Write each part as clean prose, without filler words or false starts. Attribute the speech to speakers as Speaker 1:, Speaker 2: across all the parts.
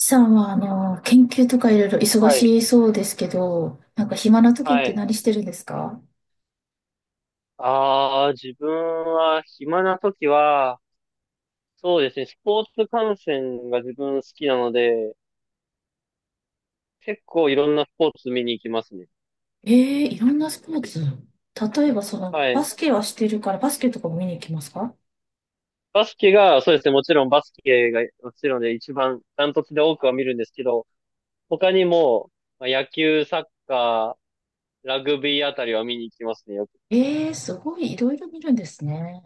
Speaker 1: さんは、研究とかいろいろ忙
Speaker 2: はい。
Speaker 1: しそうですけど、なんか暇な時っ
Speaker 2: は
Speaker 1: て
Speaker 2: い。
Speaker 1: 何してるんですか？
Speaker 2: 自分は暇な時は、そうですね、スポーツ観戦が自分好きなので、結構いろんなスポーツ見に行きますね。
Speaker 1: ええー、いろんなスポーツ。例えば、
Speaker 2: は
Speaker 1: バ
Speaker 2: い。
Speaker 1: スケはしてるから、バスケとかも見に行きますか？
Speaker 2: バスケが、そうですね、もちろん一番ダントツで多くは見るんですけど、他にも、野球、サッカー、ラグビーあたりは見に行きますね、よく。
Speaker 1: ええー、すごい、いろいろ見るんですね。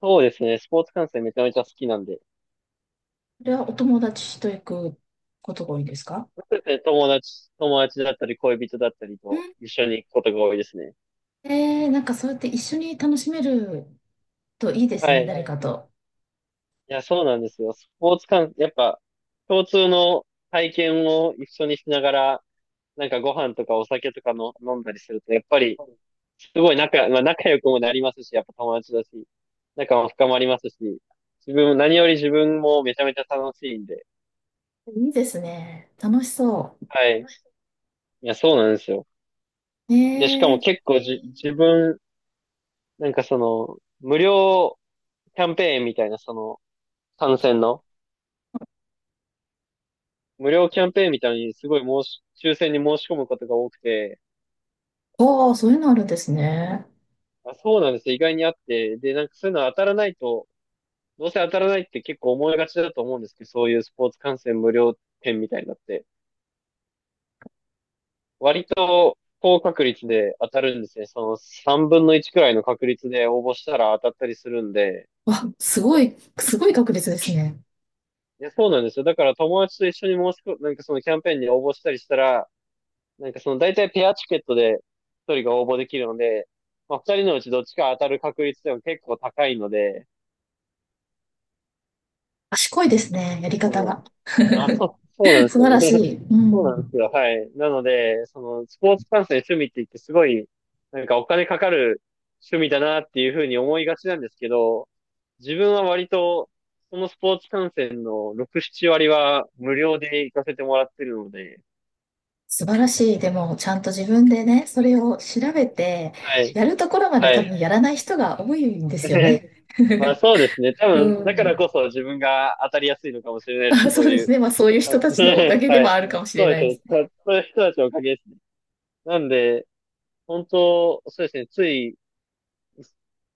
Speaker 2: そうですね、スポーツ観戦めちゃめちゃ好きなんで、
Speaker 1: それはお友達と行くことが多いんですか？
Speaker 2: そうですね友達だったり恋人だったり
Speaker 1: う
Speaker 2: と
Speaker 1: ん、
Speaker 2: 一緒に行くことが多いですね。
Speaker 1: ええー、なんかそうやって一緒に楽しめるといいです
Speaker 2: は
Speaker 1: ね、
Speaker 2: い。
Speaker 1: 誰かと。
Speaker 2: いや、そうなんですよ。スポーツ観、やっぱ、共通の体験を一緒にしながら、なんかご飯とかお酒とかの飲んだりすると、やっぱり、すごい仲、まあ、仲良くもなりますし、やっぱ友達だし、仲も深まりますし、自分も、何より自分もめちゃめちゃ楽しいんで。
Speaker 1: いいですね。楽しそ
Speaker 2: はい。いや、そうなんですよ。
Speaker 1: う。
Speaker 2: で、しか
Speaker 1: ええ
Speaker 2: も
Speaker 1: ー、
Speaker 2: 結構じ、自分、なんかその、無料キャンペーンみたいな、その、参戦の、無料キャンペーンみたいにすごい申し、抽選に申し込むことが多くて。
Speaker 1: ああ、そういうのあるんですね。
Speaker 2: あ、そうなんですよ。意外にあって。で、なんかそういうの当たらないと、どうせ当たらないって結構思いがちだと思うんですけど、そういうスポーツ観戦無料券みたいになって。割と高確率で当たるんですね。その3分の1くらいの確率で応募したら当たったりするんで。
Speaker 1: わ、すごい、すごい確率ですね。
Speaker 2: いや、そうなんですよ。だから友達と一緒に申し込、なんかそのキャンペーンに応募したりしたら、なんかその大体ペアチケットで一人が応募できるので、まあ二人のうちどっちか当たる確率でも結構高いので。
Speaker 1: 賢いですね、やり
Speaker 2: そ
Speaker 1: 方が。
Speaker 2: の、そうなんで
Speaker 1: 素
Speaker 2: す
Speaker 1: 晴ら
Speaker 2: よ
Speaker 1: し
Speaker 2: ね。
Speaker 1: い。う
Speaker 2: そうなんで
Speaker 1: ん。
Speaker 2: すよ。はい。なので、その、スポーツ観戦趣味って言って、すごいなんかお金かかる趣味だなっていうふうに思いがちなんですけど、自分は割と、そのスポーツ観戦の6、7割は無料で行かせてもらってるので。
Speaker 1: 素晴らしい。でも、ちゃんと自分でね、それを調べて、
Speaker 2: はい。
Speaker 1: やるところまで
Speaker 2: は
Speaker 1: 多
Speaker 2: い。
Speaker 1: 分やらない人が多いんですよ ね。
Speaker 2: まあ そうですね。多
Speaker 1: う
Speaker 2: 分、だから
Speaker 1: ん。
Speaker 2: こそ自分が当たりやすいのかもしれないですね、
Speaker 1: あ、そ
Speaker 2: そう
Speaker 1: うで
Speaker 2: い
Speaker 1: す
Speaker 2: う
Speaker 1: ね。まあ、そういう人
Speaker 2: 感じ。
Speaker 1: た ちのお
Speaker 2: は
Speaker 1: か
Speaker 2: い。
Speaker 1: げではあるかもしれ
Speaker 2: そうで
Speaker 1: な
Speaker 2: す
Speaker 1: いで
Speaker 2: ね。
Speaker 1: す。
Speaker 2: そういう人たちのおかげですね。なんで、本当、そうですね。つい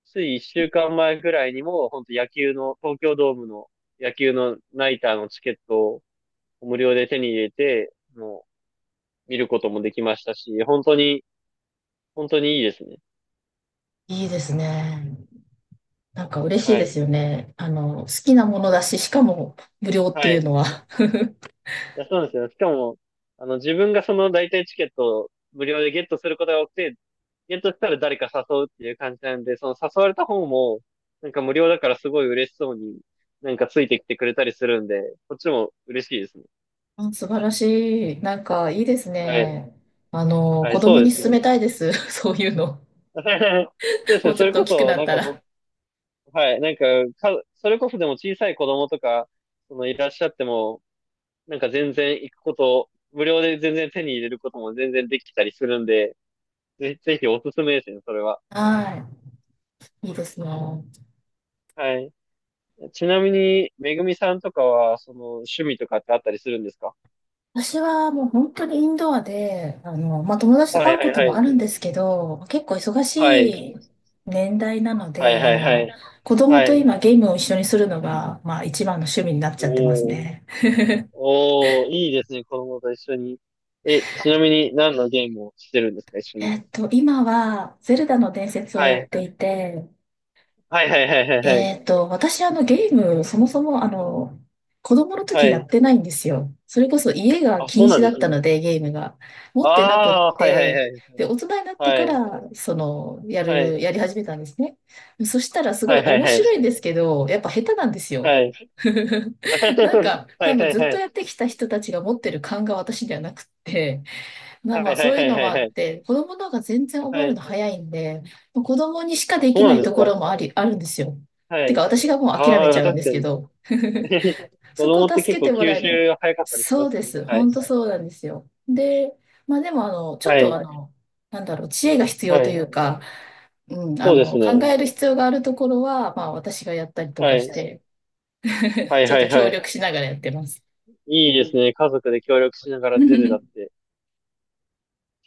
Speaker 2: つい1週間前ぐらいにも、本当野球の、東京ドームの野球のナイターのチケットを無料で手に入れて、もう見ることもできましたし、本当に、本当にいいですね。
Speaker 1: いいですね。なんか嬉しい
Speaker 2: は
Speaker 1: です
Speaker 2: い。
Speaker 1: よね。好きなものだし、しかも無料って
Speaker 2: は
Speaker 1: いう
Speaker 2: い。
Speaker 1: のは。
Speaker 2: いや、そうなんですよ。しかも、自分がその大体チケットを無料でゲットすることが多くて、ゲットしたら誰か誘うっていう感じなんで、その誘われた方も、なんか無料だからすごい嬉しそうになんかついてきてくれたりするんで、こっちも嬉しいですね。
Speaker 1: あ、素晴らしい。なんかいいです
Speaker 2: はい。
Speaker 1: ね。
Speaker 2: はい、
Speaker 1: 子
Speaker 2: そ
Speaker 1: 供
Speaker 2: うで
Speaker 1: に
Speaker 2: すね。
Speaker 1: 勧めたいです。そういうの。
Speaker 2: そうです
Speaker 1: も
Speaker 2: ね。
Speaker 1: うち
Speaker 2: そ
Speaker 1: ょっ
Speaker 2: れ
Speaker 1: と大
Speaker 2: こ
Speaker 1: きく
Speaker 2: そ、
Speaker 1: なっ
Speaker 2: なん
Speaker 1: た
Speaker 2: かご
Speaker 1: ら。
Speaker 2: はい。それこそでも小さい子供とかそのいらっしゃっても、なんか全然行くこと、無料で全然手に入れることも全然できたりするんで、ぜひおすすめですね、それは。
Speaker 1: はい。いいですね。
Speaker 2: はい。ちなみに、めぐみさんとかは、その趣味とかってあったりするんですか？
Speaker 1: 私はもう本当にインドアで、まあ、友達と
Speaker 2: は
Speaker 1: 会
Speaker 2: い
Speaker 1: う
Speaker 2: は
Speaker 1: こ
Speaker 2: い
Speaker 1: と
Speaker 2: は
Speaker 1: もあるん
Speaker 2: い。
Speaker 1: ですけど、結構忙し
Speaker 2: はい。
Speaker 1: い年代なの
Speaker 2: はい
Speaker 1: で、
Speaker 2: はいはい。
Speaker 1: 子供
Speaker 2: は
Speaker 1: と
Speaker 2: い。
Speaker 1: 今ゲームを一緒にするのが、まあ、一番の趣味になっちゃってます
Speaker 2: おー。
Speaker 1: ね。
Speaker 2: おー、いいですね、子供と一緒に。え、ちなみに何のゲームをしてるんですか、一緒に？
Speaker 1: えっと、今は、ゼルダの伝説を
Speaker 2: は
Speaker 1: やっ
Speaker 2: い。
Speaker 1: ていて、
Speaker 2: はいはいはいはいはい。
Speaker 1: えっと、私、ゲーム、そもそも、子供の
Speaker 2: は
Speaker 1: 時やっ
Speaker 2: い。
Speaker 1: てないんですよ。それこそ家が
Speaker 2: あ、
Speaker 1: 禁
Speaker 2: そうな
Speaker 1: 止
Speaker 2: ん
Speaker 1: だ
Speaker 2: で
Speaker 1: っ
Speaker 2: す
Speaker 1: た
Speaker 2: ね。
Speaker 1: ので、ゲームが。持ってなくっ
Speaker 2: ああ、はいはい
Speaker 1: て、
Speaker 2: はい。
Speaker 1: で、大人になって
Speaker 2: は
Speaker 1: か
Speaker 2: い。
Speaker 1: ら、その、
Speaker 2: はい。
Speaker 1: やり始めたんですね。そしたら、すご
Speaker 2: は
Speaker 1: い
Speaker 2: いはい
Speaker 1: 面
Speaker 2: は
Speaker 1: 白いん
Speaker 2: い。
Speaker 1: ですけど、やっぱ下手なんですよ。
Speaker 2: はい。は
Speaker 1: なんか、多
Speaker 2: いは
Speaker 1: 分
Speaker 2: い
Speaker 1: ずっ
Speaker 2: は
Speaker 1: と
Speaker 2: い。
Speaker 1: やってきた人たちが持ってる感が私ではなくって、まあ
Speaker 2: は
Speaker 1: まあ、
Speaker 2: いは
Speaker 1: そ
Speaker 2: い
Speaker 1: うい
Speaker 2: は
Speaker 1: う
Speaker 2: い
Speaker 1: の
Speaker 2: は
Speaker 1: も
Speaker 2: い
Speaker 1: あ
Speaker 2: は
Speaker 1: っ
Speaker 2: い。
Speaker 1: て、子供の方が全然
Speaker 2: は
Speaker 1: 覚えるの
Speaker 2: い。
Speaker 1: 早いんで、子供にしか
Speaker 2: あ、
Speaker 1: で
Speaker 2: そう
Speaker 1: きな
Speaker 2: なん
Speaker 1: い
Speaker 2: で
Speaker 1: と
Speaker 2: す
Speaker 1: こ
Speaker 2: か？
Speaker 1: ろもあり、あるんですよ。
Speaker 2: は
Speaker 1: てか、
Speaker 2: い。
Speaker 1: 私がもう諦め
Speaker 2: あ
Speaker 1: ち
Speaker 2: あ、
Speaker 1: ゃうん
Speaker 2: 確
Speaker 1: です
Speaker 2: か
Speaker 1: け
Speaker 2: に。
Speaker 1: ど、
Speaker 2: 子
Speaker 1: そこ
Speaker 2: 供っ
Speaker 1: を
Speaker 2: て
Speaker 1: 助
Speaker 2: 結
Speaker 1: け
Speaker 2: 構
Speaker 1: ても
Speaker 2: 吸
Speaker 1: らえない。
Speaker 2: 収早かったりし
Speaker 1: そ
Speaker 2: ま
Speaker 1: う
Speaker 2: す
Speaker 1: で
Speaker 2: ね。
Speaker 1: す。
Speaker 2: はい。
Speaker 1: 本当そうなんですよ。で、まあでも、ちょっ
Speaker 2: は
Speaker 1: と
Speaker 2: い。
Speaker 1: なんだろう、知恵が必要
Speaker 2: は
Speaker 1: とい
Speaker 2: い。
Speaker 1: うか、うん、
Speaker 2: そうです
Speaker 1: 考
Speaker 2: ね。
Speaker 1: える必要があるところは、まあ私がやったりと
Speaker 2: は
Speaker 1: かし
Speaker 2: い。
Speaker 1: て、
Speaker 2: はい
Speaker 1: ちょっ
Speaker 2: は
Speaker 1: と
Speaker 2: いは
Speaker 1: 協力
Speaker 2: い。
Speaker 1: しながらやってます。
Speaker 2: いいですね。家族で協力しながらゼルダっ て。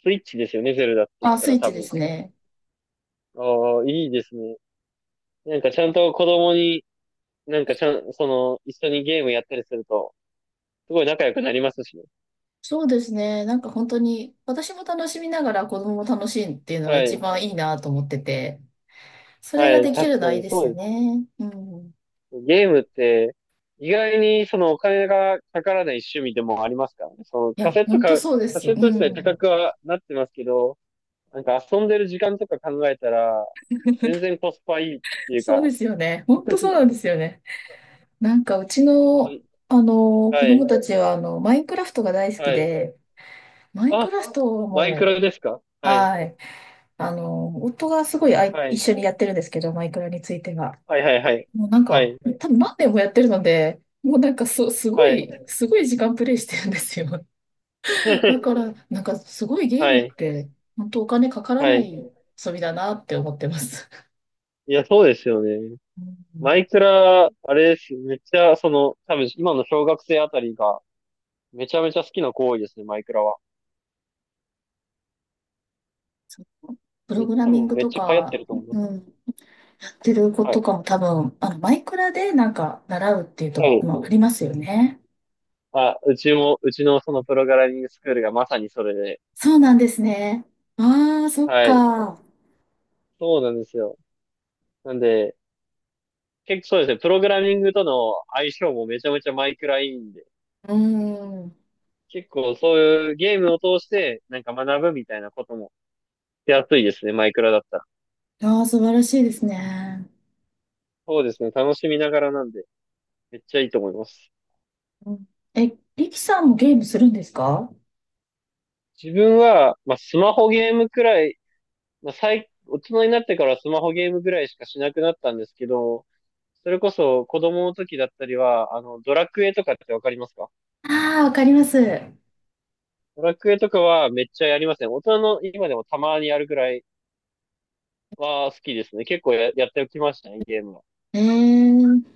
Speaker 2: スイッチですよね、ゼルダって言っ
Speaker 1: あ、
Speaker 2: た
Speaker 1: スイ
Speaker 2: ら
Speaker 1: ッ
Speaker 2: 多
Speaker 1: チで
Speaker 2: 分。
Speaker 1: すね。
Speaker 2: ああ、いいですね。なんかちゃんと子供になんかちゃん、その、一緒にゲームやったりすると、すごい仲良くなりますしね。
Speaker 1: そうですね。なんか本当に、私も楽しみながら子供も楽しいっていうのが
Speaker 2: は
Speaker 1: 一
Speaker 2: い。
Speaker 1: 番いいなと思ってて、それ
Speaker 2: は
Speaker 1: が
Speaker 2: い。
Speaker 1: でき
Speaker 2: 確
Speaker 1: るの
Speaker 2: か
Speaker 1: はいい
Speaker 2: に
Speaker 1: で
Speaker 2: そ
Speaker 1: す
Speaker 2: う
Speaker 1: よ
Speaker 2: です。
Speaker 1: ね。うん。
Speaker 2: ゲームって、意外にそのお金がかからない趣味でもありますからね。
Speaker 1: いや、本当そうで
Speaker 2: カ
Speaker 1: す。う
Speaker 2: セット自体
Speaker 1: ん。
Speaker 2: 高くはなってますけど、なんか遊んでる時間とか考えたら、全然コスパいいっていう
Speaker 1: そうで
Speaker 2: か。
Speaker 1: すよね。本当そうなんですよね。なんかうちの、子
Speaker 2: は
Speaker 1: 供
Speaker 2: い、
Speaker 1: たちは、マインクラフトが大好き
Speaker 2: はい。
Speaker 1: で、マインク
Speaker 2: あ、
Speaker 1: ラフトは
Speaker 2: マイク
Speaker 1: も
Speaker 2: ロ
Speaker 1: う、
Speaker 2: ですか？はい、
Speaker 1: はい。夫がすごい
Speaker 2: は
Speaker 1: 一
Speaker 2: い、
Speaker 1: 緒にやってるんですけど、マイクラについては。
Speaker 2: はい、はい、はい、
Speaker 1: もうなん
Speaker 2: は
Speaker 1: か、
Speaker 2: い、
Speaker 1: 多分何年もやってるので、もうなんかす、すご
Speaker 2: はい、
Speaker 1: い、すごい時間プレイしてるんですよ。だか ら、なんかすごいゲー
Speaker 2: は
Speaker 1: ムっ
Speaker 2: い、
Speaker 1: て、本当お金かから
Speaker 2: は
Speaker 1: な
Speaker 2: い。
Speaker 1: い遊びだなって思ってます。
Speaker 2: いや、そうですよね。
Speaker 1: う
Speaker 2: マ
Speaker 1: ん、
Speaker 2: イクラ、あれです。めっちゃ、その、多分今の小学生あたりがめちゃめちゃ好きな行為ですね、マイクラは。
Speaker 1: そう、プログラ
Speaker 2: 多
Speaker 1: ミン
Speaker 2: 分
Speaker 1: グ
Speaker 2: めっ
Speaker 1: と
Speaker 2: ちゃ流行って
Speaker 1: か、
Speaker 2: ると思いま
Speaker 1: う
Speaker 2: す。
Speaker 1: ん、やってる子
Speaker 2: は
Speaker 1: と
Speaker 2: い。
Speaker 1: かも多分、マイクラでなんか習うっていうと
Speaker 2: は
Speaker 1: こ
Speaker 2: い。
Speaker 1: もありますよね。
Speaker 2: うちのそのプログラミングスクールがまさにそれで。
Speaker 1: そうなんですね。ああ、そっ
Speaker 2: はい。
Speaker 1: か。
Speaker 2: そうなんですよ。なんで、結構そうですね、プログラミングとの相性もめちゃめちゃマイクラいいんで、
Speaker 1: うん。
Speaker 2: 結構そういうゲームを通してなんか学ぶみたいなこともしやすいですね、マイクラだったら。
Speaker 1: ああ、素晴らしいですね。
Speaker 2: そうですね、楽しみながらなんで、めっちゃいいと思います。
Speaker 1: うん、え、リキさんもゲームするんですか？
Speaker 2: 自分は、まあ、スマホゲームくらい、まあ、最、大人になってからスマホゲームぐらいしかしなくなったんですけど、それこそ子供の時だったりは、あの、ドラクエとかってわかりますか？
Speaker 1: ああ、わかります。え
Speaker 2: ドラクエとかはめっちゃやりますね。大人の今でもたまにやるぐらいは好きですね。結構や、やっておきましたね、ゲームは。
Speaker 1: え、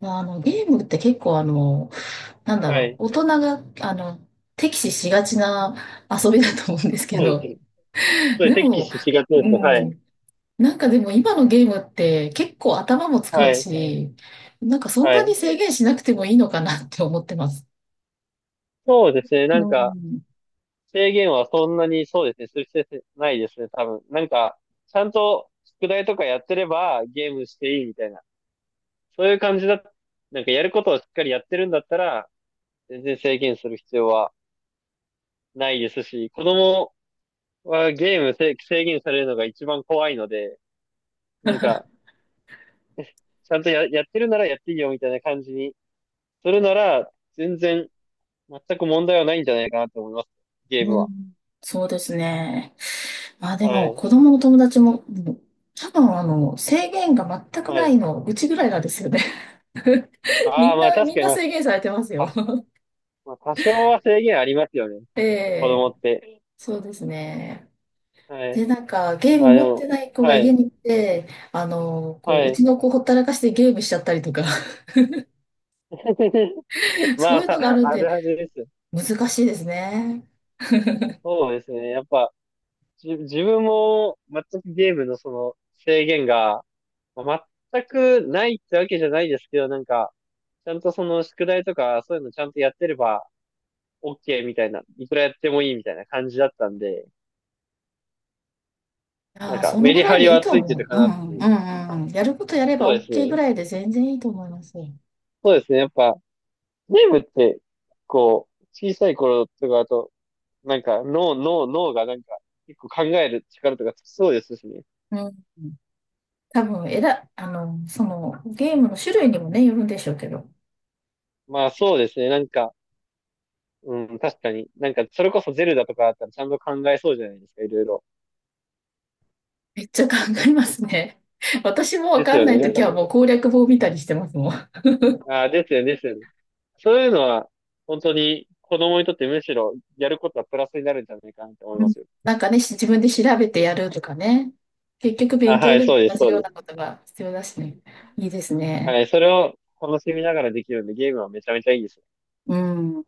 Speaker 1: まあ、ゲームって結構なんだ
Speaker 2: は
Speaker 1: ろ
Speaker 2: い。
Speaker 1: う、大人が、敵視しがちな遊びだと思うんですけ
Speaker 2: そうです
Speaker 1: ど、
Speaker 2: ね。それ、
Speaker 1: で
Speaker 2: テキ
Speaker 1: も、
Speaker 2: スがちで
Speaker 1: う
Speaker 2: すね。はい。
Speaker 1: ん、なんかでも今のゲームって結構頭も使
Speaker 2: は
Speaker 1: う
Speaker 2: い。
Speaker 1: し、なんかそん
Speaker 2: は
Speaker 1: なに
Speaker 2: い。
Speaker 1: 制限しなくてもいいのかなって思ってます。
Speaker 2: そうですね。な
Speaker 1: う
Speaker 2: んか、
Speaker 1: ん、
Speaker 2: 制限はそんなに、そうですね、する必要ないですね、多分。なんか、ちゃんと宿題とかやってればゲームしていいみたいな、そういう感じだ、なんかやることをしっかりやってるんだったら、全然制限する必要はないですし、子供はゲームせ制限されるのが一番怖いので、なんか、ちゃんとや、やってるならやっていいよみたいな感じにするなら、全く問題はないんじゃないかなと思います、ゲーム
Speaker 1: う
Speaker 2: は。
Speaker 1: ん、そうですね。まあで
Speaker 2: は
Speaker 1: も、
Speaker 2: い。
Speaker 1: 子供の友達も、うん、多分制限が全く
Speaker 2: は
Speaker 1: ない
Speaker 2: い。
Speaker 1: の、うちぐらいなんですよね。
Speaker 2: ああ、まあ確
Speaker 1: みん
Speaker 2: かに、
Speaker 1: な
Speaker 2: まあ、
Speaker 1: 制限されてますよ。
Speaker 2: まあ、多少は制限ありますよね、
Speaker 1: え
Speaker 2: 子供
Speaker 1: え、
Speaker 2: って。
Speaker 1: そうですね。
Speaker 2: は
Speaker 1: で、
Speaker 2: い。
Speaker 1: なんか、ゲー
Speaker 2: ま
Speaker 1: ム
Speaker 2: あで
Speaker 1: 持ってな
Speaker 2: も、
Speaker 1: い子が
Speaker 2: は
Speaker 1: 家
Speaker 2: い。
Speaker 1: に行って、こ
Speaker 2: は
Speaker 1: う、う
Speaker 2: い。
Speaker 1: ちの子ほったらかしてゲームしちゃったりとか、
Speaker 2: ま
Speaker 1: そ
Speaker 2: あ
Speaker 1: ういう
Speaker 2: ま
Speaker 1: のがあ
Speaker 2: あ、
Speaker 1: るん
Speaker 2: ある
Speaker 1: で、
Speaker 2: はずです。
Speaker 1: 難しいですね。
Speaker 2: そうですね。やっぱ、自分も全くゲームのその制限が、まあ全くないってわけじゃないですけど、なんか、ちゃんとその宿題とかそういうのちゃんとやってれば OK みたいな、いくらやってもいいみたいな感じだったんで、な
Speaker 1: あ
Speaker 2: ん
Speaker 1: あ、
Speaker 2: か
Speaker 1: その
Speaker 2: メ
Speaker 1: ぐ
Speaker 2: リ
Speaker 1: ら
Speaker 2: ハ
Speaker 1: い
Speaker 2: リ
Speaker 1: でいい
Speaker 2: は
Speaker 1: と
Speaker 2: ついて
Speaker 1: 思
Speaker 2: る
Speaker 1: う。
Speaker 2: か
Speaker 1: う
Speaker 2: なっ
Speaker 1: ん、
Speaker 2: て
Speaker 1: うん、
Speaker 2: いう。
Speaker 1: うん。うん、やることやれ
Speaker 2: そ
Speaker 1: ば
Speaker 2: うです
Speaker 1: OK ぐ
Speaker 2: ね。
Speaker 1: らいで全然いいと思います。う
Speaker 2: そうですね。やっぱ、ゲームって、こう、小さい頃とかだと、なんか脳がなんか、結構考える力とかつきそうですしね。
Speaker 1: ん。多分、ゲームの種類にもね、よるんでしょうけど、
Speaker 2: まあそうですね、なんか、うん、確かに。なんか、それこそゼルダとかだったらちゃんと考えそうじゃないですか、いろいろ。
Speaker 1: めっちゃ考えますね。私もわ
Speaker 2: です
Speaker 1: かん
Speaker 2: よ
Speaker 1: な
Speaker 2: ね、
Speaker 1: い
Speaker 2: な
Speaker 1: と
Speaker 2: ん
Speaker 1: き
Speaker 2: か、
Speaker 1: はもう攻略法見たりしてますもん。
Speaker 2: ああ、ですよね、ですよね。そういうのは、本当に子供にとってむしろやることはプラスになるんじゃないかなって思い
Speaker 1: う
Speaker 2: ま
Speaker 1: ん、
Speaker 2: すよ。
Speaker 1: なんかね、自分で調べてやるとかね。結局
Speaker 2: あ、
Speaker 1: 勉
Speaker 2: は
Speaker 1: 強
Speaker 2: い、
Speaker 1: でも
Speaker 2: そうで
Speaker 1: 同
Speaker 2: す、
Speaker 1: じ
Speaker 2: そう
Speaker 1: よう
Speaker 2: で
Speaker 1: な
Speaker 2: す。
Speaker 1: ことが必要だしね。いいです
Speaker 2: は
Speaker 1: ね。
Speaker 2: い、それを楽しみながらできるんで、ゲームはめちゃめちゃいいです。
Speaker 1: うん。